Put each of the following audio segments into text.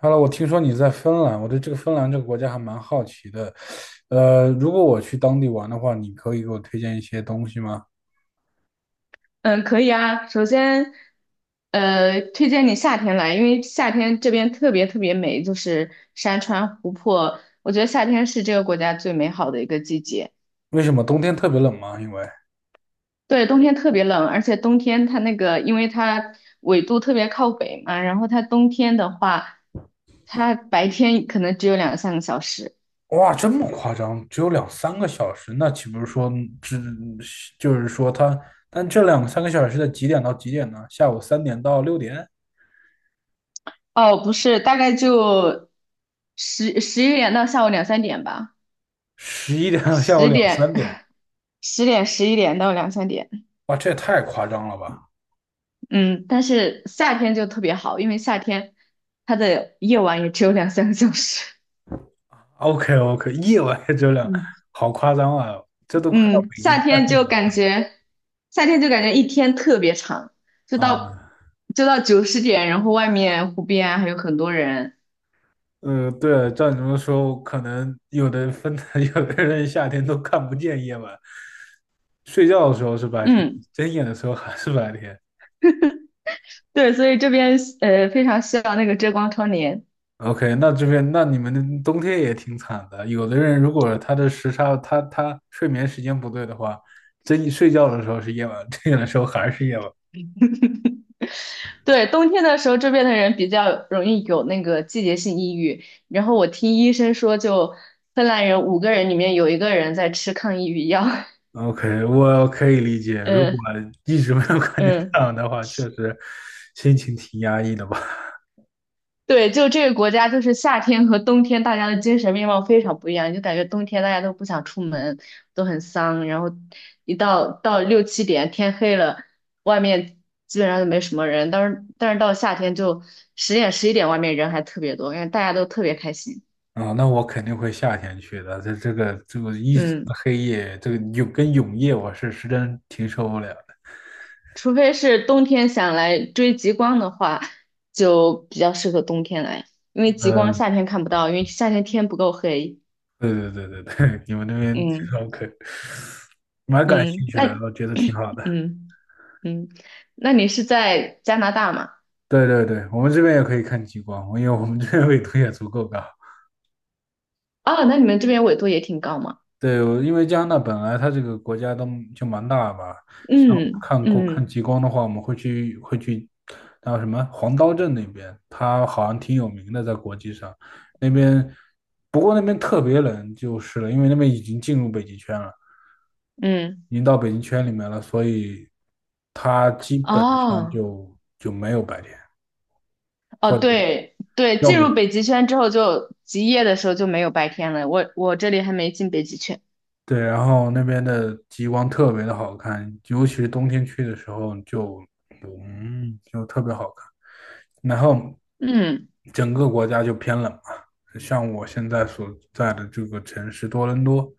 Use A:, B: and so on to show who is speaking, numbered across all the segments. A: 哈喽，我听说你在芬兰，我对这个芬兰这个国家还蛮好奇的。如果我去当地玩的话，你可以给我推荐一些东西吗？
B: 嗯，可以啊。首先，推荐你夏天来，因为夏天这边特别特别美，就是山川湖泊。我觉得夏天是这个国家最美好的一个季节。
A: 为什么冬天特别冷吗？因为
B: 对，冬天特别冷，而且冬天它那个，因为它纬度特别靠北嘛，然后它冬天的话，它白天可能只有两三个小时。
A: 哇，这么夸张，只有两三个小时，那岂不是说只就是说它？但这两三个小时在几点到几点呢？下午三点到6点，
B: 哦，不是，大概就十十一点到下午两三点吧，
A: 11点到下午
B: 十
A: 两三
B: 点
A: 点，
B: 十点十一点到两三点。
A: 哇，这也太夸张了吧
B: 嗯，但是夏天就特别好，因为夏天它的夜晚也只有两三个小时。
A: ？OK OK，夜晚也只有 两，
B: 嗯，
A: 好夸张啊，这都快到
B: 嗯，
A: 北极
B: 夏
A: 圈
B: 天
A: 里
B: 就
A: 了
B: 感觉，夏天就感觉一天特别长，就到
A: 啊！
B: 就到九十点，然后外面湖边还有很多人。
A: 对，照你这么说，可能有的分的，有的人夏天都看不见夜晚，睡觉的时候是白天，
B: 嗯，
A: 睁眼的时候还是白天。
B: 对，所以这边非常需要那个遮光窗帘。
A: OK，那这边那你们的冬天也挺惨的，有的人如果他的时差，他睡眠时间不对的话，睡觉的时候是夜晚，睁眼的时候还是夜晚。
B: 对，冬天的时候这边的人比较容易有那个季节性抑郁，然后我听医生说，就芬兰人五个人里面有一个人在吃抗抑郁药。
A: OK，我可以理解，如果 一直没有看见太
B: 嗯，
A: 阳的话，确实心情挺压抑的吧。
B: 对，就这个国家，就是夏天和冬天，大家的精神面貌非常不一样。就感觉冬天大家都不想出门，都很丧，然后一到六七点天黑了，外面基本上就没什么人。但是到夏天就十点十一点，外面人还特别多，因为大家都特别开心。
A: 啊，那我肯定会夏天去的。这个一直
B: 嗯，
A: 的黑夜，这个永夜，我是实在挺受不了的。
B: 除非是冬天想来追极光的话，就比较适合冬天来，因为极光
A: 嗯，
B: 夏天看不到，因为夏天天不够黑。
A: 对对对对对，你们那边
B: 嗯。
A: OK，蛮感
B: 嗯，
A: 兴趣的，
B: 那
A: 我觉得挺好的。
B: 嗯嗯，那你是在加拿大吗？
A: 对对对，我们这边也可以看极光，因为我们这边纬度也足够高。
B: 哦，那你们这边纬度也挺高嘛？
A: 对，我因为加拿大本来它这个国家都就蛮大吧，像我
B: 嗯
A: 看
B: 嗯
A: 极光的话，我们会去，还有什么黄刀镇那边，它好像挺有名的，在国际上那边，不过那边特别冷就是了，因为那边已经进入北极圈了，
B: 嗯，
A: 已经到北极圈里面了，所以它基本上
B: 哦
A: 就没有白天，
B: 哦，
A: 或者
B: 对对，
A: 要
B: 进
A: 么
B: 入北极圈之后就极夜的时候就没有白天了。我这里还没进北极圈。
A: 对，然后那边的极光特别的好看，尤其是冬天去的时候就特别好看。然后
B: 嗯，
A: 整个国家就偏冷嘛，像我现在所在的这个城市多伦多，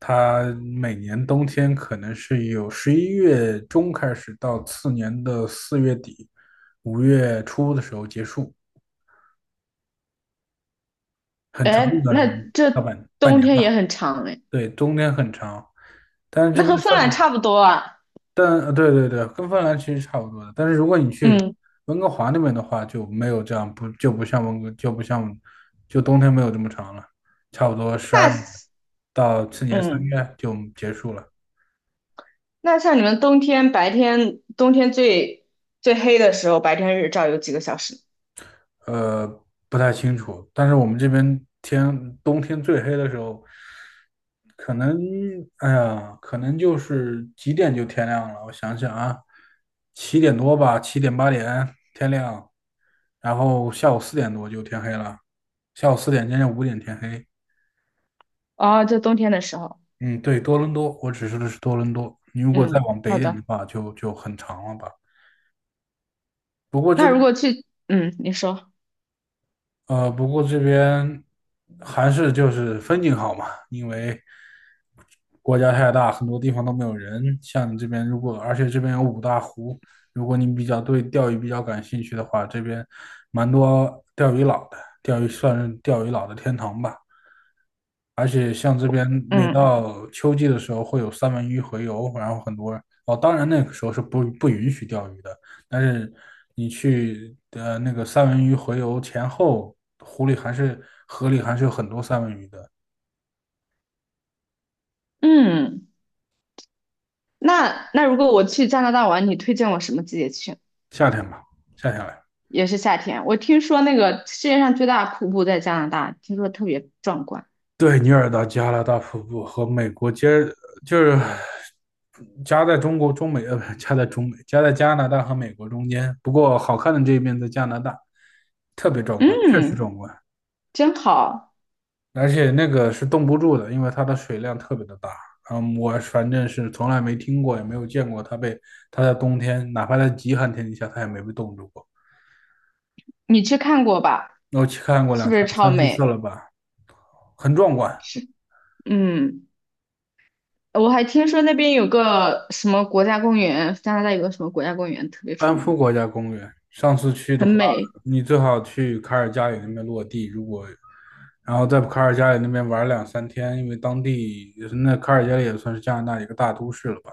A: 它每年冬天可能是有11月中开始到次年的4月底、5月初的时候结束，很长的一
B: 哎，
A: 段时
B: 那
A: 间，大
B: 这
A: 半
B: 冬
A: 年
B: 天也
A: 吧。
B: 很长哎，
A: 对，冬天很长，但是这
B: 那
A: 边
B: 和芬兰
A: 算。
B: 差不多啊。
A: 但对对对，跟芬兰其实差不多的。但是如果你去
B: 嗯，
A: 温哥华那边的话，就没有这样，不就不像温哥，就不像，就冬天没有这么长了，差不多十二
B: 那
A: 月到次年三
B: 嗯，
A: 月就结束了。
B: 那像你们冬天白天冬天最最黑的时候，白天日照有几个小时？
A: 呃，不太清楚，但是我们这边冬天最黑的时候，可能，哎呀，可能就是几点就天亮了。我想想啊，七点多吧，七点八点天亮，然后下午四点多就天黑了，下午四点将近5点天黑。
B: 哦，就冬天的时候，
A: 嗯，对，多伦多，我说的是多伦多。你如果再
B: 嗯，
A: 往北一
B: 好
A: 点的
B: 的。
A: 话，就很长了吧。不过这
B: 那如
A: 边。
B: 果去，嗯，你说，
A: 不过这边还是就是风景好嘛，因为国家太大，很多地方都没有人。像你这边，而且这边有五大湖，如果你对钓鱼比较感兴趣的话，这边蛮多钓鱼佬的，钓鱼算是钓鱼佬的天堂吧。而且像这边每
B: 嗯
A: 到秋季的时候会有三文鱼洄游，然后很多哦，当然那个时候是不允许钓鱼的，但是你去那个三文鱼洄游前后，湖里还是河里还是有很多三文鱼的，
B: 嗯，那如果我去加拿大玩，你推荐我什么季节去？
A: 夏天吧，夏天来。
B: 也是夏天。我听说那个世界上最大的瀑布在加拿大，听说特别壮观。
A: 对，尼尔达加拉大瀑布和美国接就是夹在中国中美呃不是夹在中美夹在加拿大和美国中间，不过好看的这一面在加拿大，特别壮观，确实
B: 嗯，
A: 壮观。
B: 真好，
A: 而且那个是冻不住的，因为它的水量特别的大。嗯，我反正是从来没听过，也没有见过它在冬天，哪怕在极寒天气下，它也没被冻住过。
B: 你去看过吧？
A: 我去看过
B: 是
A: 两
B: 不
A: 三
B: 是超
A: 三四次
B: 美？
A: 了吧，很壮观。
B: 是，嗯，我还听说那边有个什么国家公园，加拿大有个什么国家公园特别出
A: 安夫
B: 名，
A: 国家公园，上次去的
B: 很
A: 话，
B: 美。
A: 你最好去卡尔加里那边落地。然后在卡尔加里那边玩了两三天，因为当地也是那卡尔加里也算是加拿大一个大都市了吧。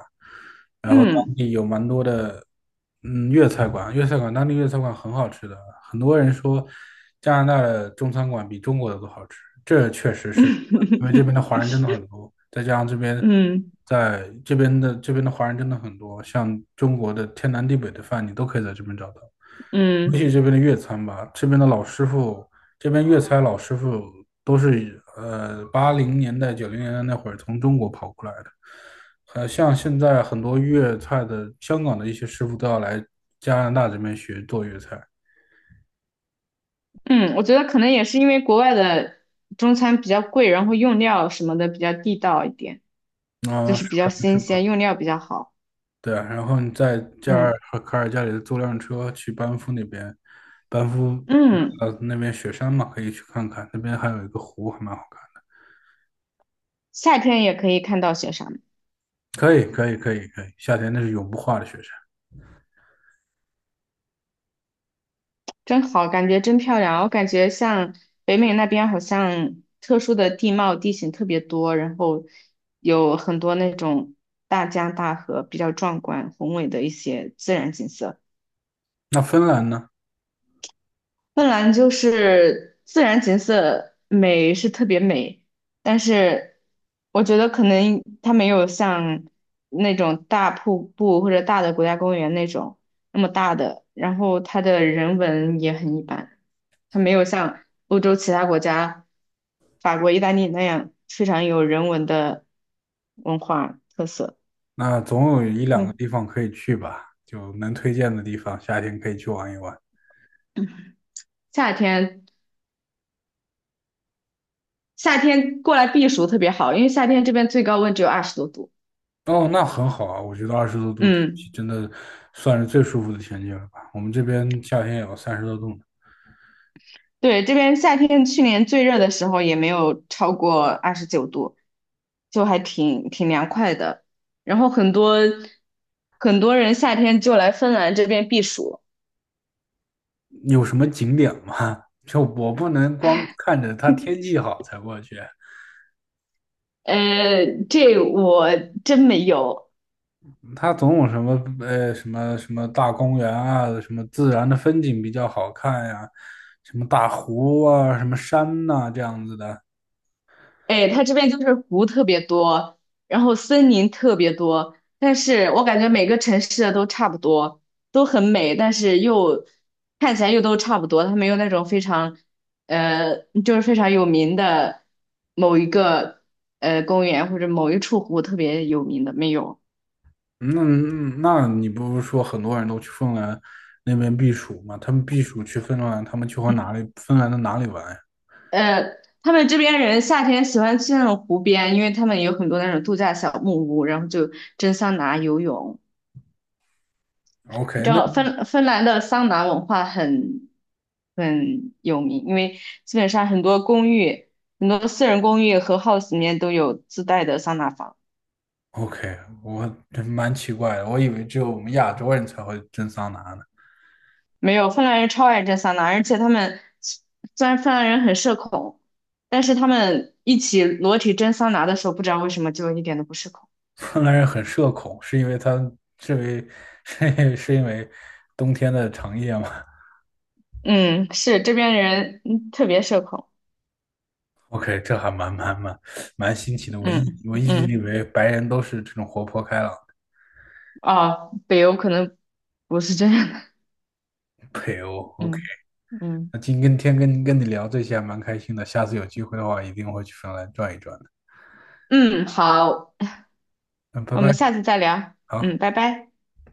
A: 然后当
B: 嗯
A: 地有蛮多的，嗯，粤菜馆，粤菜馆当地粤菜馆很好吃的，很多人说加拿大的中餐馆比中国的都好吃，这确实是，因为这边的华人 真的很多，再加上这边
B: 嗯
A: 在这边的这边的华人真的很多，像中国的天南地北的饭你都可以在这边找到。也许
B: 嗯。
A: 这边的粤餐吧，这边的老师傅，这边粤菜老师傅都是80年代、90年代那会儿从中国跑过来的。像现在很多粤菜的香港的一些师傅都要来加拿大这边学做粤菜，
B: 嗯，我觉得可能也是因为国外的中餐比较贵，然后用料什么的比较地道一点，就
A: 嗯、
B: 是比较
A: 可能是
B: 新
A: 吧？
B: 鲜，用料比较好。
A: 对啊，然后你在加
B: 嗯
A: 尔和卡尔加里租辆车去班夫那边，班夫
B: 嗯，
A: 那边雪山嘛，可以去看看，那边还有一个湖还蛮好看
B: 夏天也可以看到雪山，
A: 的。可以，可以，可以，可以，夏天那是永不化的雪山。
B: 真好，感觉真漂亮。我感觉像北美那边好像特殊的地貌地形特别多，然后有很多那种大江大河，比较壮观宏伟的一些自然景色。
A: 那芬兰呢？
B: 芬兰就是自然景色美是特别美，但是我觉得可能它没有像那种大瀑布或者大的国家公园那种那么大的，然后它的人文也很一般，它没有像欧洲其他国家，法国、意大利那样非常有人文的文化特色。
A: 那总有一两个
B: 嗯，
A: 地方可以去吧，就能推荐的地方，夏天可以去玩一玩。
B: 夏天夏天过来避暑特别好，因为夏天这边最高温只有二十多度。
A: 哦，那很好啊，我觉得20多度天气
B: 嗯。
A: 真的算是最舒服的天气了吧。我们这边夏天也有30多度呢，
B: 对，这边夏天去年最热的时候也没有超过二十九度，就还挺凉快的。然后很多很多人夏天就来芬兰这边避暑，
A: 有什么景点吗？就我不能光看着它天气好才过去，
B: 这我真没有。
A: 它总有什么什么什么大公园啊，什么自然的风景比较好看呀、什么大湖啊，什么山呐、这样子的。
B: 哎，它这边就是湖特别多，然后森林特别多，但是我感觉每个城市的都差不多，都很美，但是又看起来又都差不多，它没有那种非常，呃，就是非常有名的某一个公园或者某一处湖特别有名的没有。
A: 那你不是说很多人都去芬兰那边避暑吗？他们避暑去芬兰，他们去和哪里芬兰的哪里玩呀
B: 呃，他们这边人夏天喜欢去那种湖边，因为他们有很多那种度假小木屋，然后就蒸桑拿、游泳。你
A: ？OK，
B: 知
A: 那
B: 道芬兰的桑拿文化很有名，因为基本上很多公寓、很多私人公寓和 house 里面都有自带的桑拿房。
A: OK，我真蛮奇怪的，我以为只有我们亚洲人才会蒸桑拿呢。
B: 没有，芬兰人超爱蒸桑拿，而且他们虽然芬兰人很社恐，但是他们一起裸体蒸桑拿的时候，不知道为什么就一点都不社恐。
A: 芬兰人很社恐，是因为他是因为 是因为冬天的长夜吗
B: 嗯，是这边人特别社恐。
A: ？OK，这还蛮新奇的。我一
B: 嗯
A: 我一直以
B: 嗯，
A: 为白人都是这种活泼开朗的。
B: 啊，北欧可能不是这样的。
A: OK。
B: 嗯嗯
A: 那今跟天跟跟你聊这些还蛮开心的，下次有机会的话一定会去芬兰转一转的。
B: 嗯，好。
A: 嗯，拜
B: 我
A: 拜，
B: 们下次再聊。
A: 好。
B: 嗯，拜拜。